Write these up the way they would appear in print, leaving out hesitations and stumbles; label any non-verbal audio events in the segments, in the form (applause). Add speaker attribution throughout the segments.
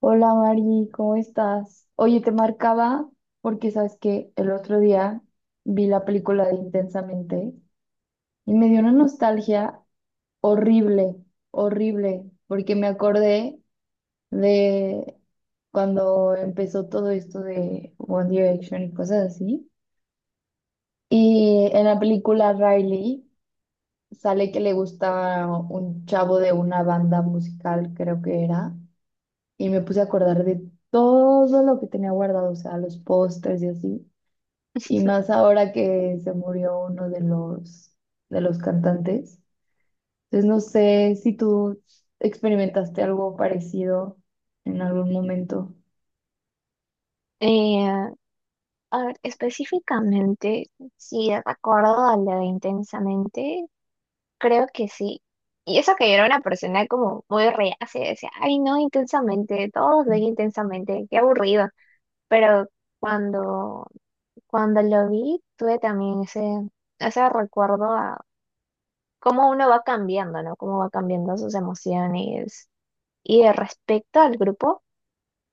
Speaker 1: Hola Mari, ¿cómo estás? Oye, te marcaba porque sabes que el otro día vi la película de Intensamente y me dio una nostalgia horrible, horrible, porque me acordé de cuando empezó todo esto de One Direction y cosas así. Y en la película Riley sale que le gustaba un chavo de una banda musical, creo que era. Y me puse a acordar de todo lo que tenía guardado, o sea, los pósters y así. Y más ahora que se murió uno de los, cantantes. Entonces no sé si tú experimentaste algo parecido en algún momento.
Speaker 2: Eh, a ver, específicamente, si recuerdo a lo de intensamente, creo que sí. Y eso que yo era una persona como muy reacia, decía, ay no, intensamente, todos ven intensamente, qué aburrido. Pero cuando, cuando lo vi, tuve también ese recuerdo a cómo uno va cambiando, ¿no? Cómo va cambiando sus emociones. Y de respecto al grupo.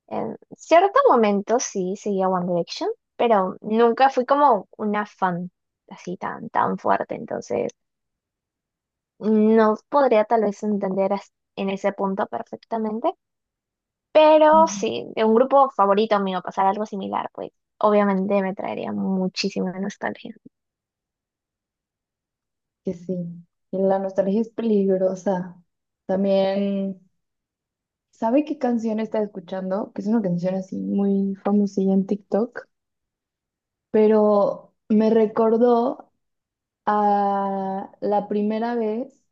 Speaker 2: En cierto momento sí seguía One Direction, pero nunca fui como una fan así tan, tan fuerte, entonces no podría tal vez entender en ese punto perfectamente, pero
Speaker 1: Ujú.
Speaker 2: sí, de un grupo favorito mío pasar algo similar, pues obviamente me traería muchísima nostalgia.
Speaker 1: Que sí. Y la nostalgia es peligrosa. También, ¿sabe qué canción está escuchando? Que es una canción así muy famosilla en TikTok, pero me recordó a la primera vez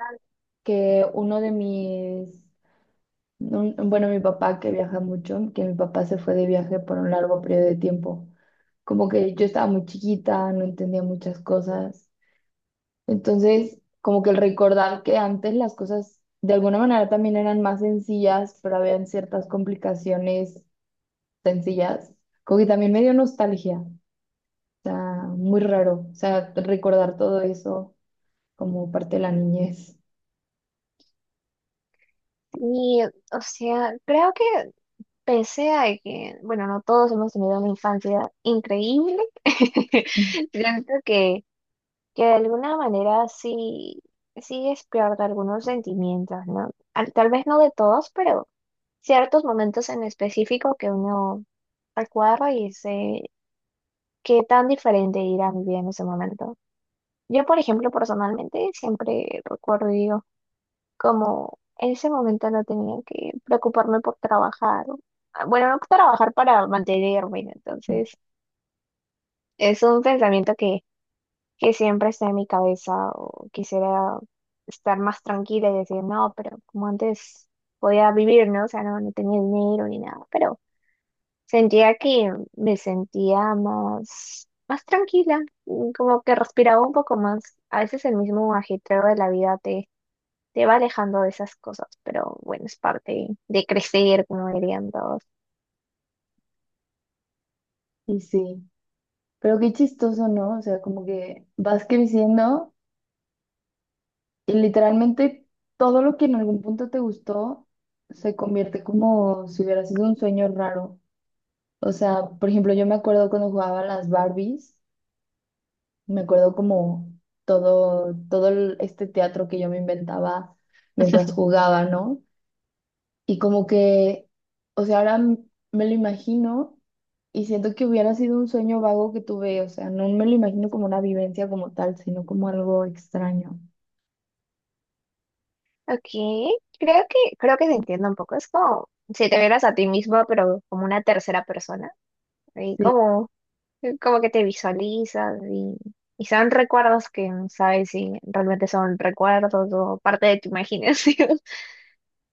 Speaker 1: que uno de mis, un- bueno, mi papá que viaja mucho, que mi papá se fue de viaje por un largo periodo de tiempo. Como que yo estaba muy chiquita, no entendía muchas cosas. Entonces, como que el recordar que antes las cosas de alguna manera también eran más sencillas, pero habían ciertas complicaciones sencillas, como que también me dio nostalgia. O sea, muy raro. O sea, recordar todo eso como parte de la niñez.
Speaker 2: Y, o sea, creo que pese a que, bueno, no todos hemos tenido una infancia increíble, (laughs) siento que de alguna manera sí, sí despierta algunos sentimientos, ¿no? Tal vez no de todos, pero ciertos momentos en específico que uno recuerda y dice qué tan diferente era mi vida en ese momento. Yo, por ejemplo, personalmente siempre recuerdo y digo, como en ese momento no tenía que preocuparme por trabajar. Ah, bueno, no trabajar para mantenerme, ¿no? Entonces es un pensamiento que siempre está en mi cabeza o quisiera estar más tranquila y decir, no, pero como antes podía vivir, ¿no? O sea, no, no tenía dinero ni nada, pero sentía que me sentía más, más tranquila, como que respiraba un poco más. A veces el mismo ajetreo de la vida, te va alejando de esas cosas, pero bueno, es parte de crecer, como dirían todos.
Speaker 1: Y sí, pero qué chistoso, ¿no? O sea, como que vas creciendo y literalmente todo lo que en algún punto te gustó se convierte como si hubiera sido un sueño raro. O sea, por ejemplo, yo me acuerdo cuando jugaba a las Barbies, me acuerdo como todo este teatro que yo me inventaba mientras jugaba, ¿no? Y como que, o sea, ahora me lo imagino y siento que hubiera sido un sueño vago que tuve, o sea, no me lo imagino como una vivencia como tal, sino como algo extraño.
Speaker 2: Ok, creo creo que se entiende un poco. Es como si te vieras a ti mismo, pero como una tercera persona. Y
Speaker 1: Sí,
Speaker 2: como. Como que te visualizas y son recuerdos que no sabes si realmente son recuerdos o parte de tu imaginación. (laughs)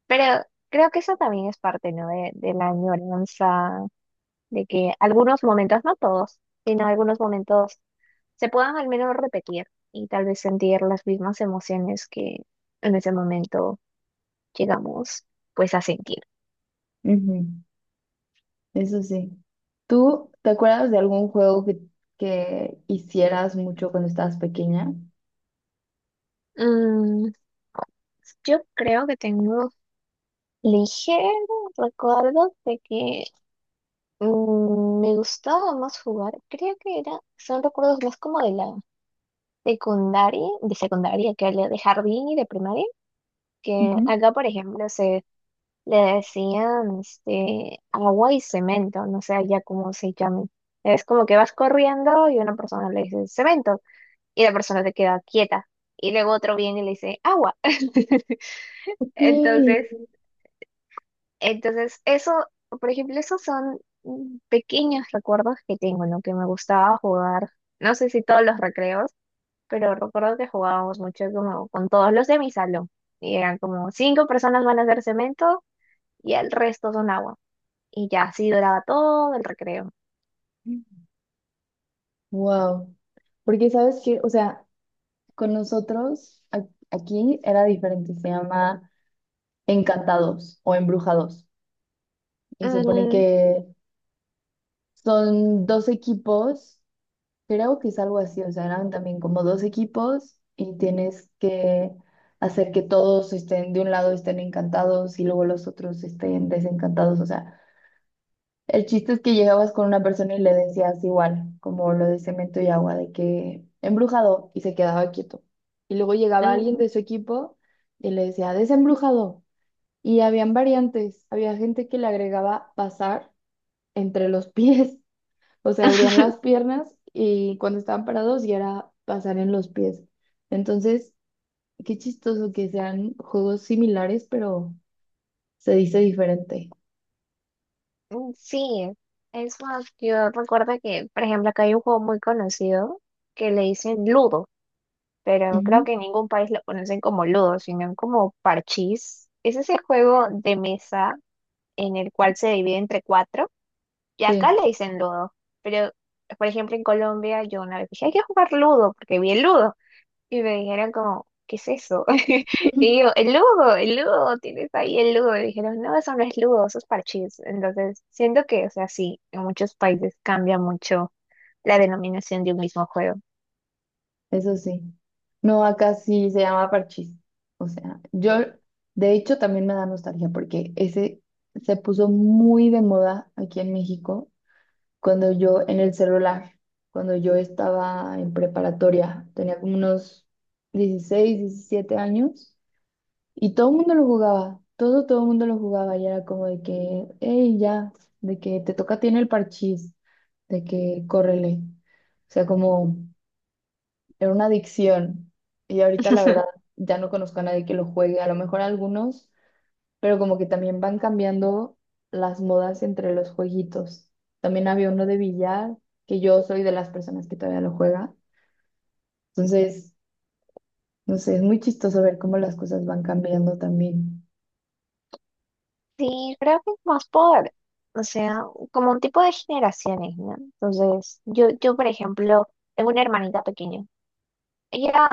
Speaker 2: Pero creo que eso también es parte, ¿no? De la añoranza, de que algunos momentos, no todos, sino algunos momentos se puedan al menos repetir y tal vez sentir las mismas emociones que en ese momento llegamos pues a sentir.
Speaker 1: ujú. Eso sí. ¿Tú te acuerdas de algún juego que hicieras mucho cuando estabas pequeña?
Speaker 2: Mm, yo creo que tengo ligeros recuerdos de que me gustaba más jugar, creo que era, son recuerdos más como de la secundaria, de secundaria, que había de jardín y de primaria, que
Speaker 1: Ujú.
Speaker 2: acá, por ejemplo, se le decían agua y cemento, no sé ya cómo se llamen. Es como que vas corriendo y una persona le dice cemento y la persona te queda quieta y luego otro viene y le dice agua. (laughs)
Speaker 1: Ok.
Speaker 2: Entonces, Entonces, eso, por ejemplo, esos son pequeños recuerdos que tengo, ¿no? Que me gustaba jugar, no sé si todos los recreos, pero recuerdo que jugábamos mucho como con todos los de mi salón. Y eran como cinco personas van a hacer cemento y el resto son agua. Y ya así duraba todo el recreo.
Speaker 1: Wow. Porque sabes que, o sea, con nosotros aquí era diferente, se llama Encantados o Embrujados. Y supone
Speaker 2: Mm.
Speaker 1: que son dos equipos, creo que es algo así, o sea, eran también como dos equipos y tienes que hacer que todos estén de un lado estén encantados y luego los otros estén desencantados, o sea, el chiste es que llegabas con una persona y le decías igual, como lo de cemento y agua, de que embrujado y se quedaba quieto. Y luego llegaba alguien
Speaker 2: Mm.
Speaker 1: de su equipo y le decía desembrujado. Y habían variantes, había gente que le agregaba pasar entre los (laughs) pies. O sea, abrían las
Speaker 2: (laughs)
Speaker 1: piernas y cuando estaban parados ya era pasar en los pies. Entonces, qué chistoso que sean juegos similares, pero se dice diferente.
Speaker 2: Sí, es más, yo recuerdo que, por ejemplo, acá hay un juego muy conocido que le dicen ludo, pero creo
Speaker 1: Ujú.
Speaker 2: que en ningún país lo conocen como ludo, sino como parchís. Es ese juego de mesa en el cual se divide entre cuatro, y
Speaker 1: Sí,
Speaker 2: acá le dicen ludo, pero por ejemplo en Colombia yo una vez dije, hay que jugar ludo, porque vi el ludo, y me dijeron como, ¿qué es eso? (laughs) Y yo,
Speaker 1: (laughs)
Speaker 2: el ludo, tienes ahí el ludo, y dijeron, no, eso no es ludo, eso es parchís. Entonces, siento que, o sea, sí, en muchos países cambia mucho la denominación de un mismo juego.
Speaker 1: eso sí. No, acá sí se llama parchís. O sea, yo, de hecho, también me da nostalgia porque ese se puso muy de moda aquí en México cuando yo en el celular, cuando yo estaba en preparatoria, tenía como unos 16 17 años y todo el mundo lo jugaba, todo el mundo lo jugaba y era como de que, hey, ya, de que te toca tiene el parchís, de que córrele. O sea, como era una adicción y ahorita la
Speaker 2: (laughs)
Speaker 1: verdad ya no conozco a nadie que lo juegue, a lo mejor algunos pero como que también van cambiando las modas entre los jueguitos. También había uno de billar, que yo soy de las personas que todavía lo juega. Entonces, no sé, es muy chistoso ver cómo las cosas van cambiando también.
Speaker 2: Sí, creo que es más por, o sea, como un tipo de generaciones, ¿no? Entonces, yo, por ejemplo, tengo una hermanita pequeña. Ella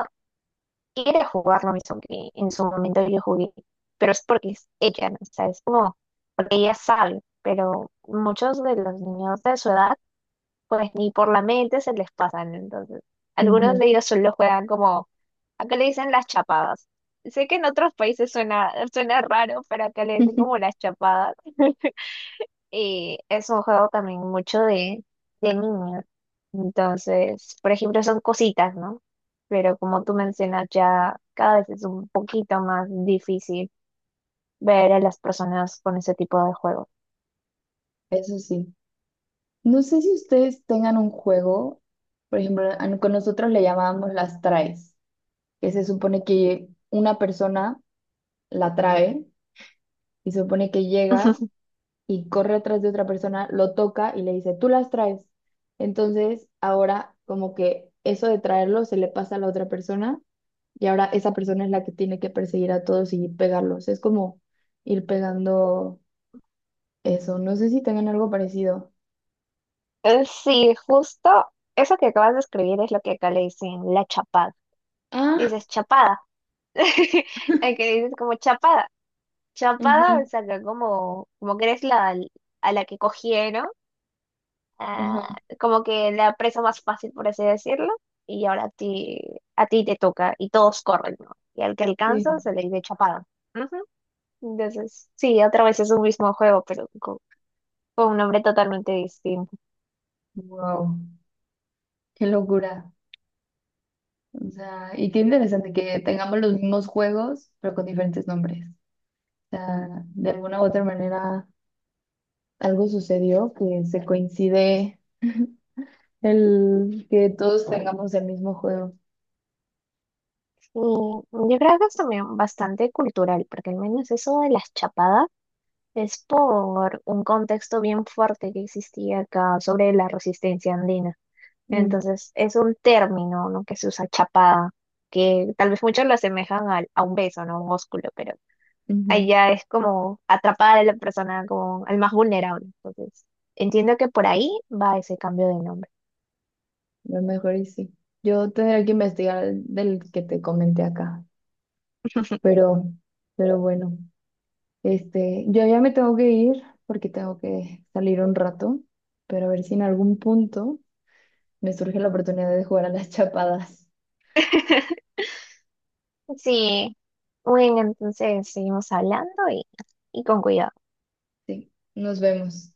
Speaker 2: quiere jugar lo mismo que en su momento yo jugué, pero es porque es ella, ¿no? O sea, es como, porque ella sabe, pero muchos de los niños de su edad, pues ni por la mente se les pasan. Entonces, algunos
Speaker 1: Ujú.
Speaker 2: de ellos solo juegan como, acá le dicen las chapadas. Sé que en otros países suena, suena raro, pero acá le dicen como
Speaker 1: (laughs)
Speaker 2: las chapadas. (laughs) Y es un juego también mucho de niños. Entonces, por ejemplo, son cositas, ¿no? Pero como tú mencionas, ya cada vez es un poquito más difícil ver a las personas con ese tipo de juegos.
Speaker 1: Eso sí. No sé si ustedes tengan un juego, por ejemplo, a no- con nosotros le llamábamos las traes, que se supone que una persona la trae y se supone que llega
Speaker 2: (laughs)
Speaker 1: y corre atrás de otra persona, lo toca y le dice, tú las traes. Entonces, ahora como que eso de traerlo se le pasa a la otra persona y ahora esa persona es la que tiene que perseguir a todos y pegarlos. Es como ir pegando eso. No sé si tengan algo parecido.
Speaker 2: Sí, justo eso que acabas de escribir es lo que acá le dicen la chapada.
Speaker 1: Ah,
Speaker 2: Dices chapada. (laughs) El que dices como chapada. Chapada, o
Speaker 1: ajá,
Speaker 2: sea, que como, como que eres la, a la que cogieron ah,
Speaker 1: ajá,
Speaker 2: como que la presa más fácil, por así decirlo, y ahora a ti te toca y todos corren, ¿no? Y al que alcanza
Speaker 1: sí.
Speaker 2: se le dice chapada. Ujú. Entonces, sí, otra vez es un mismo juego, pero con un nombre totalmente distinto.
Speaker 1: Wow, qué locura. O sea, y qué interesante que tengamos los mismos juegos, pero con diferentes nombres. O sea, de alguna u otra manera algo sucedió que se coincide, el que todos tengamos el mismo juego.
Speaker 2: Y yo creo que es también bastante cultural, porque al menos eso de las chapadas es por un contexto bien fuerte que existía acá sobre la resistencia andina.
Speaker 1: Mm,
Speaker 2: Entonces, es un término, ¿no? Que se usa chapada, que tal vez muchos lo asemejan a un beso, ¿no? Un ósculo, pero
Speaker 1: ujú.
Speaker 2: allá es como atrapada de la persona, como al más vulnerable. Entonces, entiendo que por ahí va ese cambio de nombre.
Speaker 1: Lo mejor y sí. Yo tendré que investigar del que te comenté acá. Pero, pero bueno, yo ya me tengo que ir porque tengo que salir un rato. Pero a ver si en algún punto me surge la oportunidad de jugar a las (laughs) chapadas.
Speaker 2: (laughs) Sí, bueno, entonces seguimos hablando y con cuidado.
Speaker 1: Sí, nos vemos.